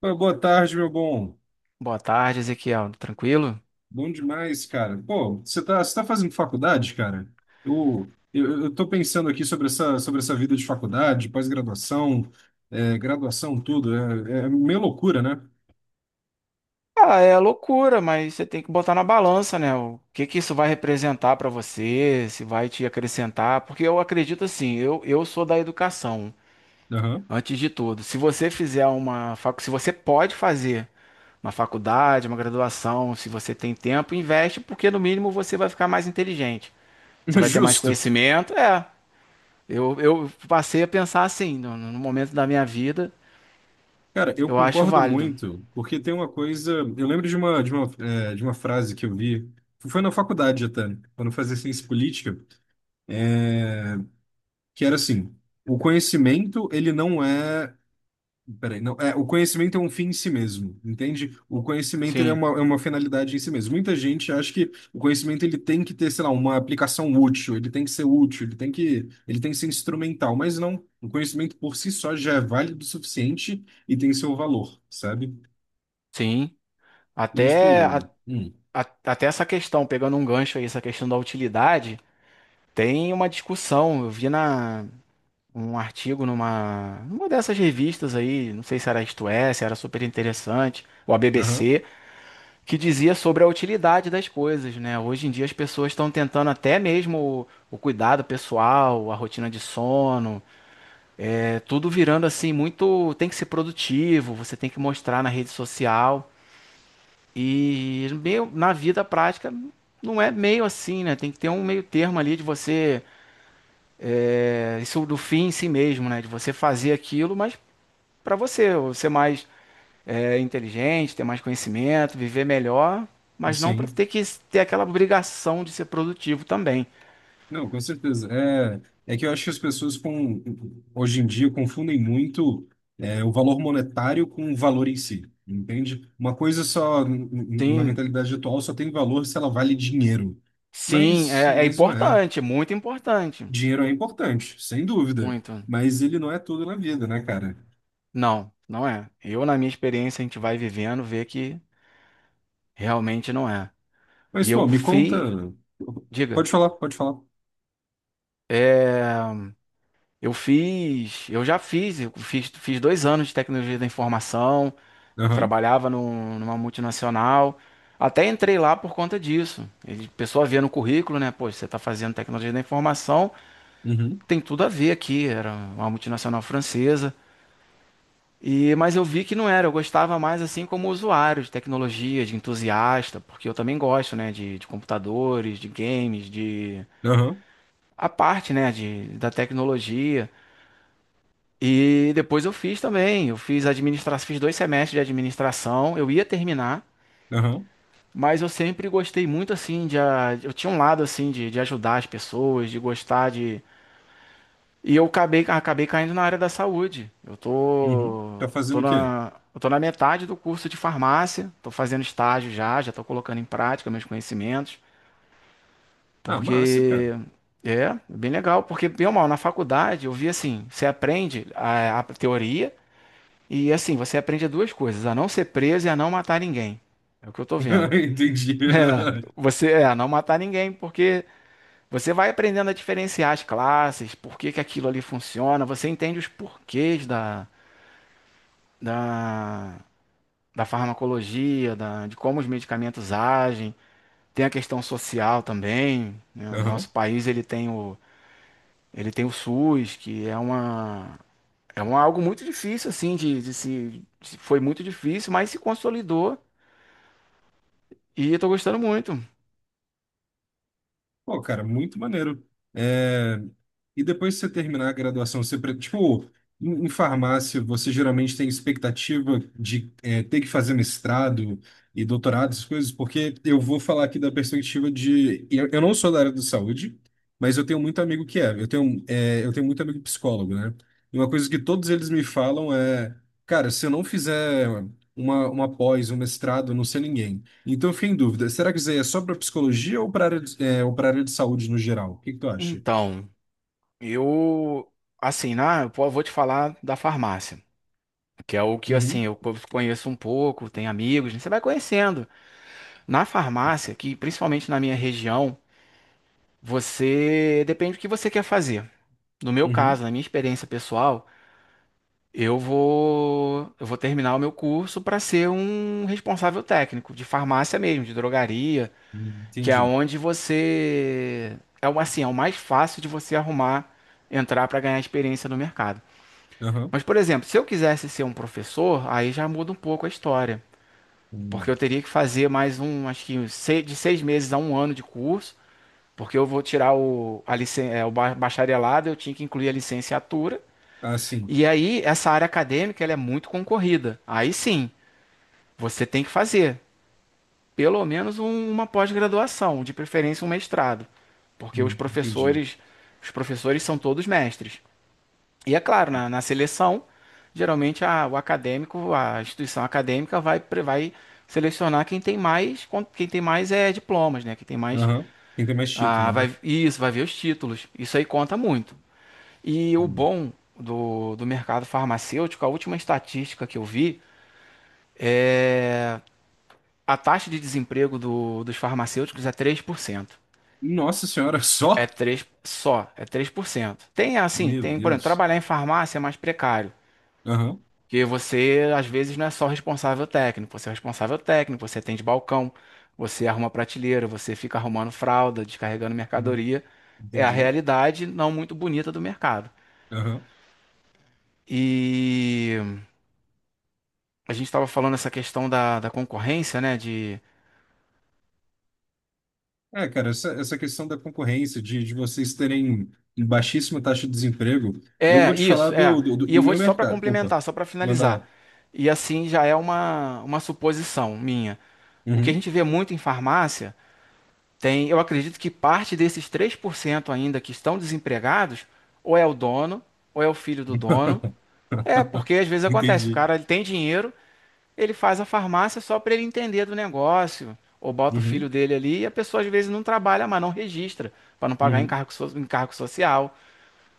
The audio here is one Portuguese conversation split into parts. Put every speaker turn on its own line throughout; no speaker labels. Pô, boa tarde, meu bom.
Boa tarde, Ezequiel. Tranquilo?
Bom demais, cara. Pô, você tá fazendo faculdade, cara? Eu tô pensando aqui sobre essa vida de faculdade, pós-graduação, graduação, tudo. É meio loucura, né?
Ah, é loucura, mas você tem que botar na balança, né? O que que isso vai representar para você, se vai te acrescentar, porque eu acredito assim, eu sou da educação,
Aham.
antes de tudo. Se você fizer uma facu, Se você pode fazer uma faculdade, uma graduação, se você tem tempo, investe, porque no mínimo você vai ficar mais inteligente. Você vai ter mais
Justo.
conhecimento. Eu passei a pensar assim, no momento da minha vida,
Cara, eu
eu acho
concordo
válido.
muito, porque tem uma coisa. Eu lembro de uma frase que eu vi, foi na faculdade até, quando eu fazia ciência política, que era assim: o conhecimento, ele não é. Peraí, não, o conhecimento é um fim em si mesmo, entende? O conhecimento ele é
Sim,
uma finalidade em si mesmo. Muita gente acha que o conhecimento ele tem que ter, sei lá, uma aplicação útil, ele tem que ser útil, ele tem que ser instrumental, mas não. O conhecimento por si só já é válido o suficiente e tem seu valor, sabe?
sim.
E tipo,
Até, a- até essa questão, pegando um gancho aí, essa questão da utilidade, tem uma discussão. Um artigo numa dessas revistas aí, não sei se era Isto É, se era super interessante, ou a
aham,
BBC, que dizia sobre a utilidade das coisas, né? Hoje em dia as pessoas estão tentando até mesmo o cuidado pessoal, a rotina de sono, é tudo virando assim muito. Tem que ser produtivo, você tem que mostrar na rede social. E meio, na vida prática não é meio assim, né? Tem que ter um meio termo ali de você. Isso do fim em si mesmo, né? De você fazer aquilo, mas para você, ou ser mais inteligente, ter mais conhecimento, viver melhor, mas não para
sim.
ter que ter aquela obrigação de ser produtivo também.
Não, com certeza. É que eu acho que as pessoas hoje em dia confundem muito o valor monetário com o valor em si, entende? Uma coisa só, na
Sim,
mentalidade atual, só tem valor se ela vale dinheiro.
sim,
Mas,
é
mas não é.
importante, muito importante.
Dinheiro é importante, sem dúvida.
Muito.
Mas ele não é tudo na vida, né, cara?
Não, não é. Eu, na minha experiência, a gente vai vivendo, vê que realmente não é.
Mas,
E eu
pô, me conta.
fui. Diga.
Pode falar, pode falar.
É, eu fiz, eu já fiz, eu fiz, fiz 2 anos de tecnologia da informação. Eu
Aham,
trabalhava numa multinacional. Até entrei lá por conta disso. Ele, a pessoa via no currículo, né? Pô, você está fazendo tecnologia da informação,
uhum,
tem tudo a ver aqui. Era uma multinacional francesa. E, mas eu vi que não era. Eu gostava mais assim como usuário de tecnologia, de entusiasta, porque eu também gosto, né? De computadores, de games, de
aham,
a parte, né? Da tecnologia. E depois eu fiz também. Eu fiz administração, fiz 2 semestres de administração. Eu ia terminar,
aham,
mas eu sempre gostei muito assim eu tinha um lado assim de ajudar as pessoas, de gostar de e eu acabei caindo na área da saúde. Eu
uhum.
tô
Tá fazendo
tô
o quê?
na eu tô na metade do curso de farmácia. Tô fazendo estágio já, já tô colocando em prática meus conhecimentos,
Ah, massa,
porque
cara.
é bem legal, porque bem ou mal na faculdade eu vi assim, você aprende a teoria. E assim, você aprende duas coisas: a não ser preso e a não matar ninguém. É o que eu tô vendo.
Entendi.
É, você é a não matar ninguém, porque você vai aprendendo a diferenciar as classes, por que que aquilo ali funciona, você entende os porquês da, da farmacologia, da, de como os medicamentos agem. Tem a questão social também, né? O
Aham.
nosso país ele tem o SUS, que é uma, é um, algo muito difícil assim de se, se- foi muito difícil, mas se consolidou. E eu tô gostando muito.
Pô, cara, muito maneiro. É, E depois que você terminar a graduação, você, tipo, em farmácia, você geralmente tem expectativa de ter que fazer mestrado e doutorado, essas coisas, porque eu vou falar aqui da perspectiva de. Eu não sou da área da saúde, mas eu tenho muito amigo que é. Eu tenho muito amigo psicólogo, né? E uma coisa que todos eles me falam é, cara, se eu não fizer uma pós, um mestrado, eu não sei ninguém. Então, eu fiquei em dúvida. Será que isso aí é só para psicologia ou para área de, é, ou para área de saúde no geral? O que que tu acha?
Então, eu, assim, né, vou te falar da farmácia, que é o que, assim,
Uhum,
conheço um pouco, tenho amigos, né, você vai conhecendo. Na farmácia, que principalmente na minha região, você depende do que você quer fazer. No meu
uhum.
caso, na minha experiência pessoal, eu vou terminar o meu curso para ser um responsável técnico de farmácia mesmo, de drogaria. Que é
Entendi.
onde você. É assim, é o mais fácil de você arrumar, entrar para ganhar experiência no mercado.
Aham.
Mas, por exemplo, se eu quisesse ser um professor, aí já muda um pouco a história. Porque eu
Hum.
teria que fazer mais um, acho que uns de 6 meses a um ano de curso, porque eu vou tirar o, a bacharelado, eu tinha que incluir a licenciatura.
Ah, sim.
E aí, essa área acadêmica, ela é muito concorrida. Aí sim, você tem que fazer. Pelo menos uma pós-graduação, de preferência um mestrado, porque os
Entendi.
professores, os professores são todos mestres. E é claro, na seleção, geralmente o acadêmico, a instituição acadêmica vai, vai selecionar quem tem mais, quem tem mais é diplomas, né? Quem tem mais,
Aham. Tem que ter mais título,
ah,
né?
vai, isso, vai ver os títulos. Isso aí conta muito. E o
Hum.
bom do mercado farmacêutico, a última estatística que eu vi, é, a taxa de desemprego dos farmacêuticos é 3%.
Nossa senhora,
É
só?
3 só, é 3%. Tem assim,
Meu
tem, por exemplo,
Deus.
trabalhar em farmácia é mais precário,
Aham.
porque você às vezes não é só responsável técnico, você é responsável técnico, você atende balcão, você arruma prateleira, você fica arrumando fralda, descarregando
Hum,
mercadoria. É a
entendi.
realidade não muito bonita do mercado.
Aham.
E a gente estava falando essa questão da concorrência, né? De...
É, cara, essa questão da concorrência, de vocês terem baixíssima taxa de desemprego, eu vou
É,
te falar
isso,
do,
é.
do, do
E
do
eu vou
meu
só para
mercado. Opa,
complementar, só para
manda lá.
finalizar. E assim já é uma suposição minha. O que a
Uhum.
gente vê muito em farmácia tem, eu acredito que parte desses 3% ainda que estão desempregados, ou é o dono, ou é o filho do dono. É, porque às vezes acontece, o
Entendi.
cara ele tem dinheiro, ele faz a farmácia só para ele entender do negócio, ou bota o filho
Uhum,
dele ali e a pessoa às vezes não trabalha, mas não registra, para não pagar
uhum,
encargo, encargo social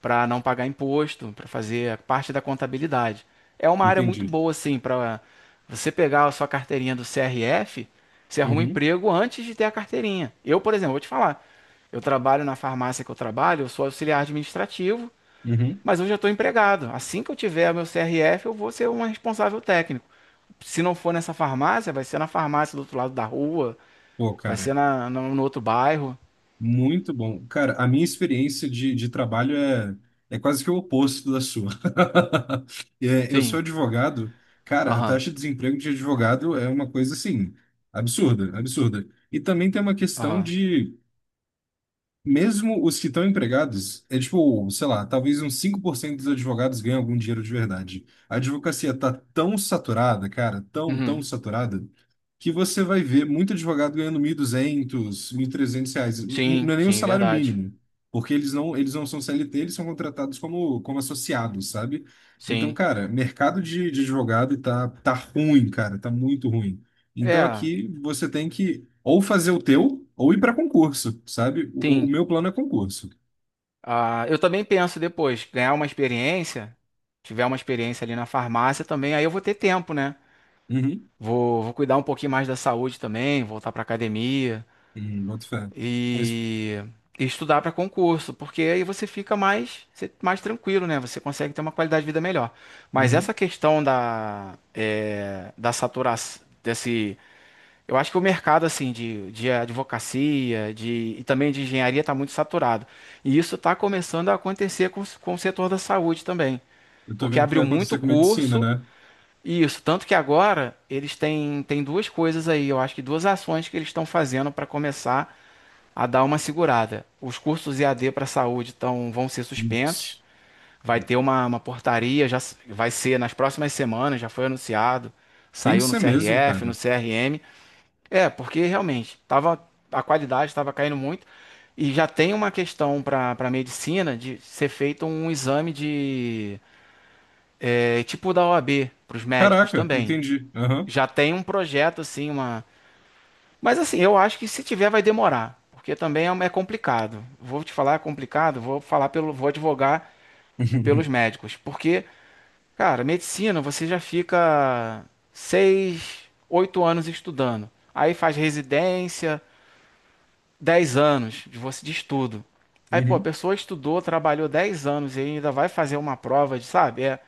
para não pagar imposto, para fazer parte da contabilidade. É uma área muito
entendi.
boa, assim, para você pegar a sua carteirinha do CRF, você arruma um
Uhum,
emprego antes de ter a carteirinha. Eu, por exemplo, vou te falar, eu trabalho na farmácia que eu trabalho, eu sou auxiliar administrativo,
uhum.
mas eu já estou empregado. Assim que eu tiver meu CRF, eu vou ser um responsável técnico. Se não for nessa farmácia, vai ser na farmácia do outro lado da rua,
Pô,
vai ser
cara,
na, no, no outro bairro.
muito bom. Cara, a minha experiência de trabalho é quase que o oposto da sua. Eu sou
Sim,
advogado, cara, a
aham,
taxa de desemprego de advogado é uma coisa assim, absurda, absurda. E também tem uma questão
aham.
de. Mesmo os que estão empregados, é tipo, sei lá, talvez uns 5% dos advogados ganhem algum dinheiro de verdade. A advocacia tá tão saturada, cara, tão, tão
Uhum.
saturada, que você vai ver muito advogado ganhando 1.200, trezentos reais. N-
Sim,
Não é nem o
sim,
salário
verdade.
mínimo, porque eles não são CLT, eles são contratados como associados, sabe? Então,
Sim.
cara, mercado de advogado tá ruim, cara, tá muito ruim. Então
É,
aqui você tem que ou fazer o teu ou ir para concurso, sabe? O
tem.
meu plano é concurso.
Ah, eu também penso depois, ganhar uma experiência, tiver uma experiência ali na farmácia também, aí eu vou ter tempo, né?
Uhum.
Vou cuidar um pouquinho mais da saúde também, voltar pra academia
Boto fé. Mas,
e, e estudar para concurso, porque aí você fica mais, mais tranquilo, né? Você consegue ter uma qualidade de vida melhor. Mas
uhum.
essa questão da saturação, eu acho que o mercado assim de advocacia, de e também de engenharia está muito saturado. E isso está começando a acontecer com, com o setor da saúde também,
Eu tô
porque
vendo o que vai
abriu muito
acontecer com medicina,
curso
né?
e isso, tanto que agora eles têm duas coisas aí, eu acho que duas ações que eles estão fazendo para começar a dar uma segurada. Os cursos EAD para saúde tão, vão ser suspensos,
Nossa.
vai ter uma portaria, vai ser nas próximas semanas, já foi anunciado,
Tem que
saiu no
ser mesmo,
CRF, no
cara.
CRM, porque realmente tava, a qualidade estava caindo muito e já tem uma questão para medicina de ser feito um exame tipo da OAB para os médicos
Caraca,
também.
entendi. Aham.
Já tem um projeto assim, uma. Mas assim, eu acho que se tiver vai demorar, porque também é complicado. Vou te falar, é complicado. Vou falar pelo, vou advogar pelos médicos, porque cara, medicina você já fica 6, 8 anos estudando, aí faz residência 10 anos de você de estudo. Aí, pô, a
Uhum.
pessoa estudou, trabalhou 10 anos e ainda vai fazer uma prova de, sabe? É,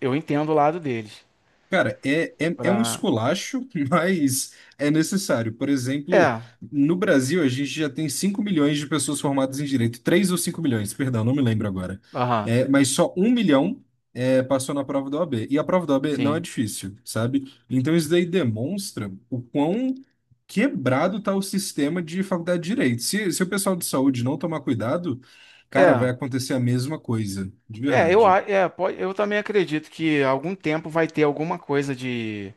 eu entendo o lado deles.
Cara, é um
Pra...
esculacho, mas é necessário. Por exemplo,
É,
no Brasil, a gente já tem 5 milhões de pessoas formadas em direito. 3 ou 5 milhões, perdão, não me lembro agora.
aham,
Mas só 1 milhão passou na prova da OAB. E a prova da OAB não é
sim.
difícil, sabe? Então isso daí demonstra o quão quebrado está o sistema de faculdade de direito. Se o pessoal de saúde não tomar cuidado, cara, vai
É,
acontecer a mesma coisa, de
eu,
verdade.
a- é, pode, eu também acredito que algum tempo vai ter alguma coisa de.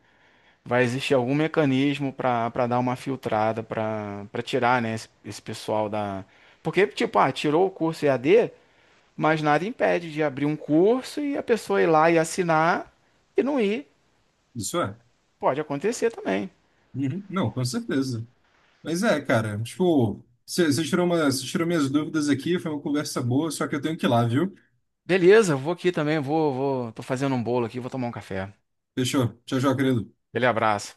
Vai existir algum mecanismo para dar uma filtrada, para tirar, né, esse pessoal da. Porque, tipo, ah, tirou o curso e a d mas nada impede de abrir um curso e a pessoa ir lá e assinar e não ir.
Isso é.
Pode acontecer também.
Uhum. Não, com certeza. Mas é, cara, tipo, você você tirou minhas dúvidas aqui, foi uma conversa boa, só que eu tenho que ir lá, viu?
Beleza, eu vou aqui também, tô fazendo um bolo aqui, vou tomar um café.
Fechou. Tchau, tchau, querido.
Aquele abraço.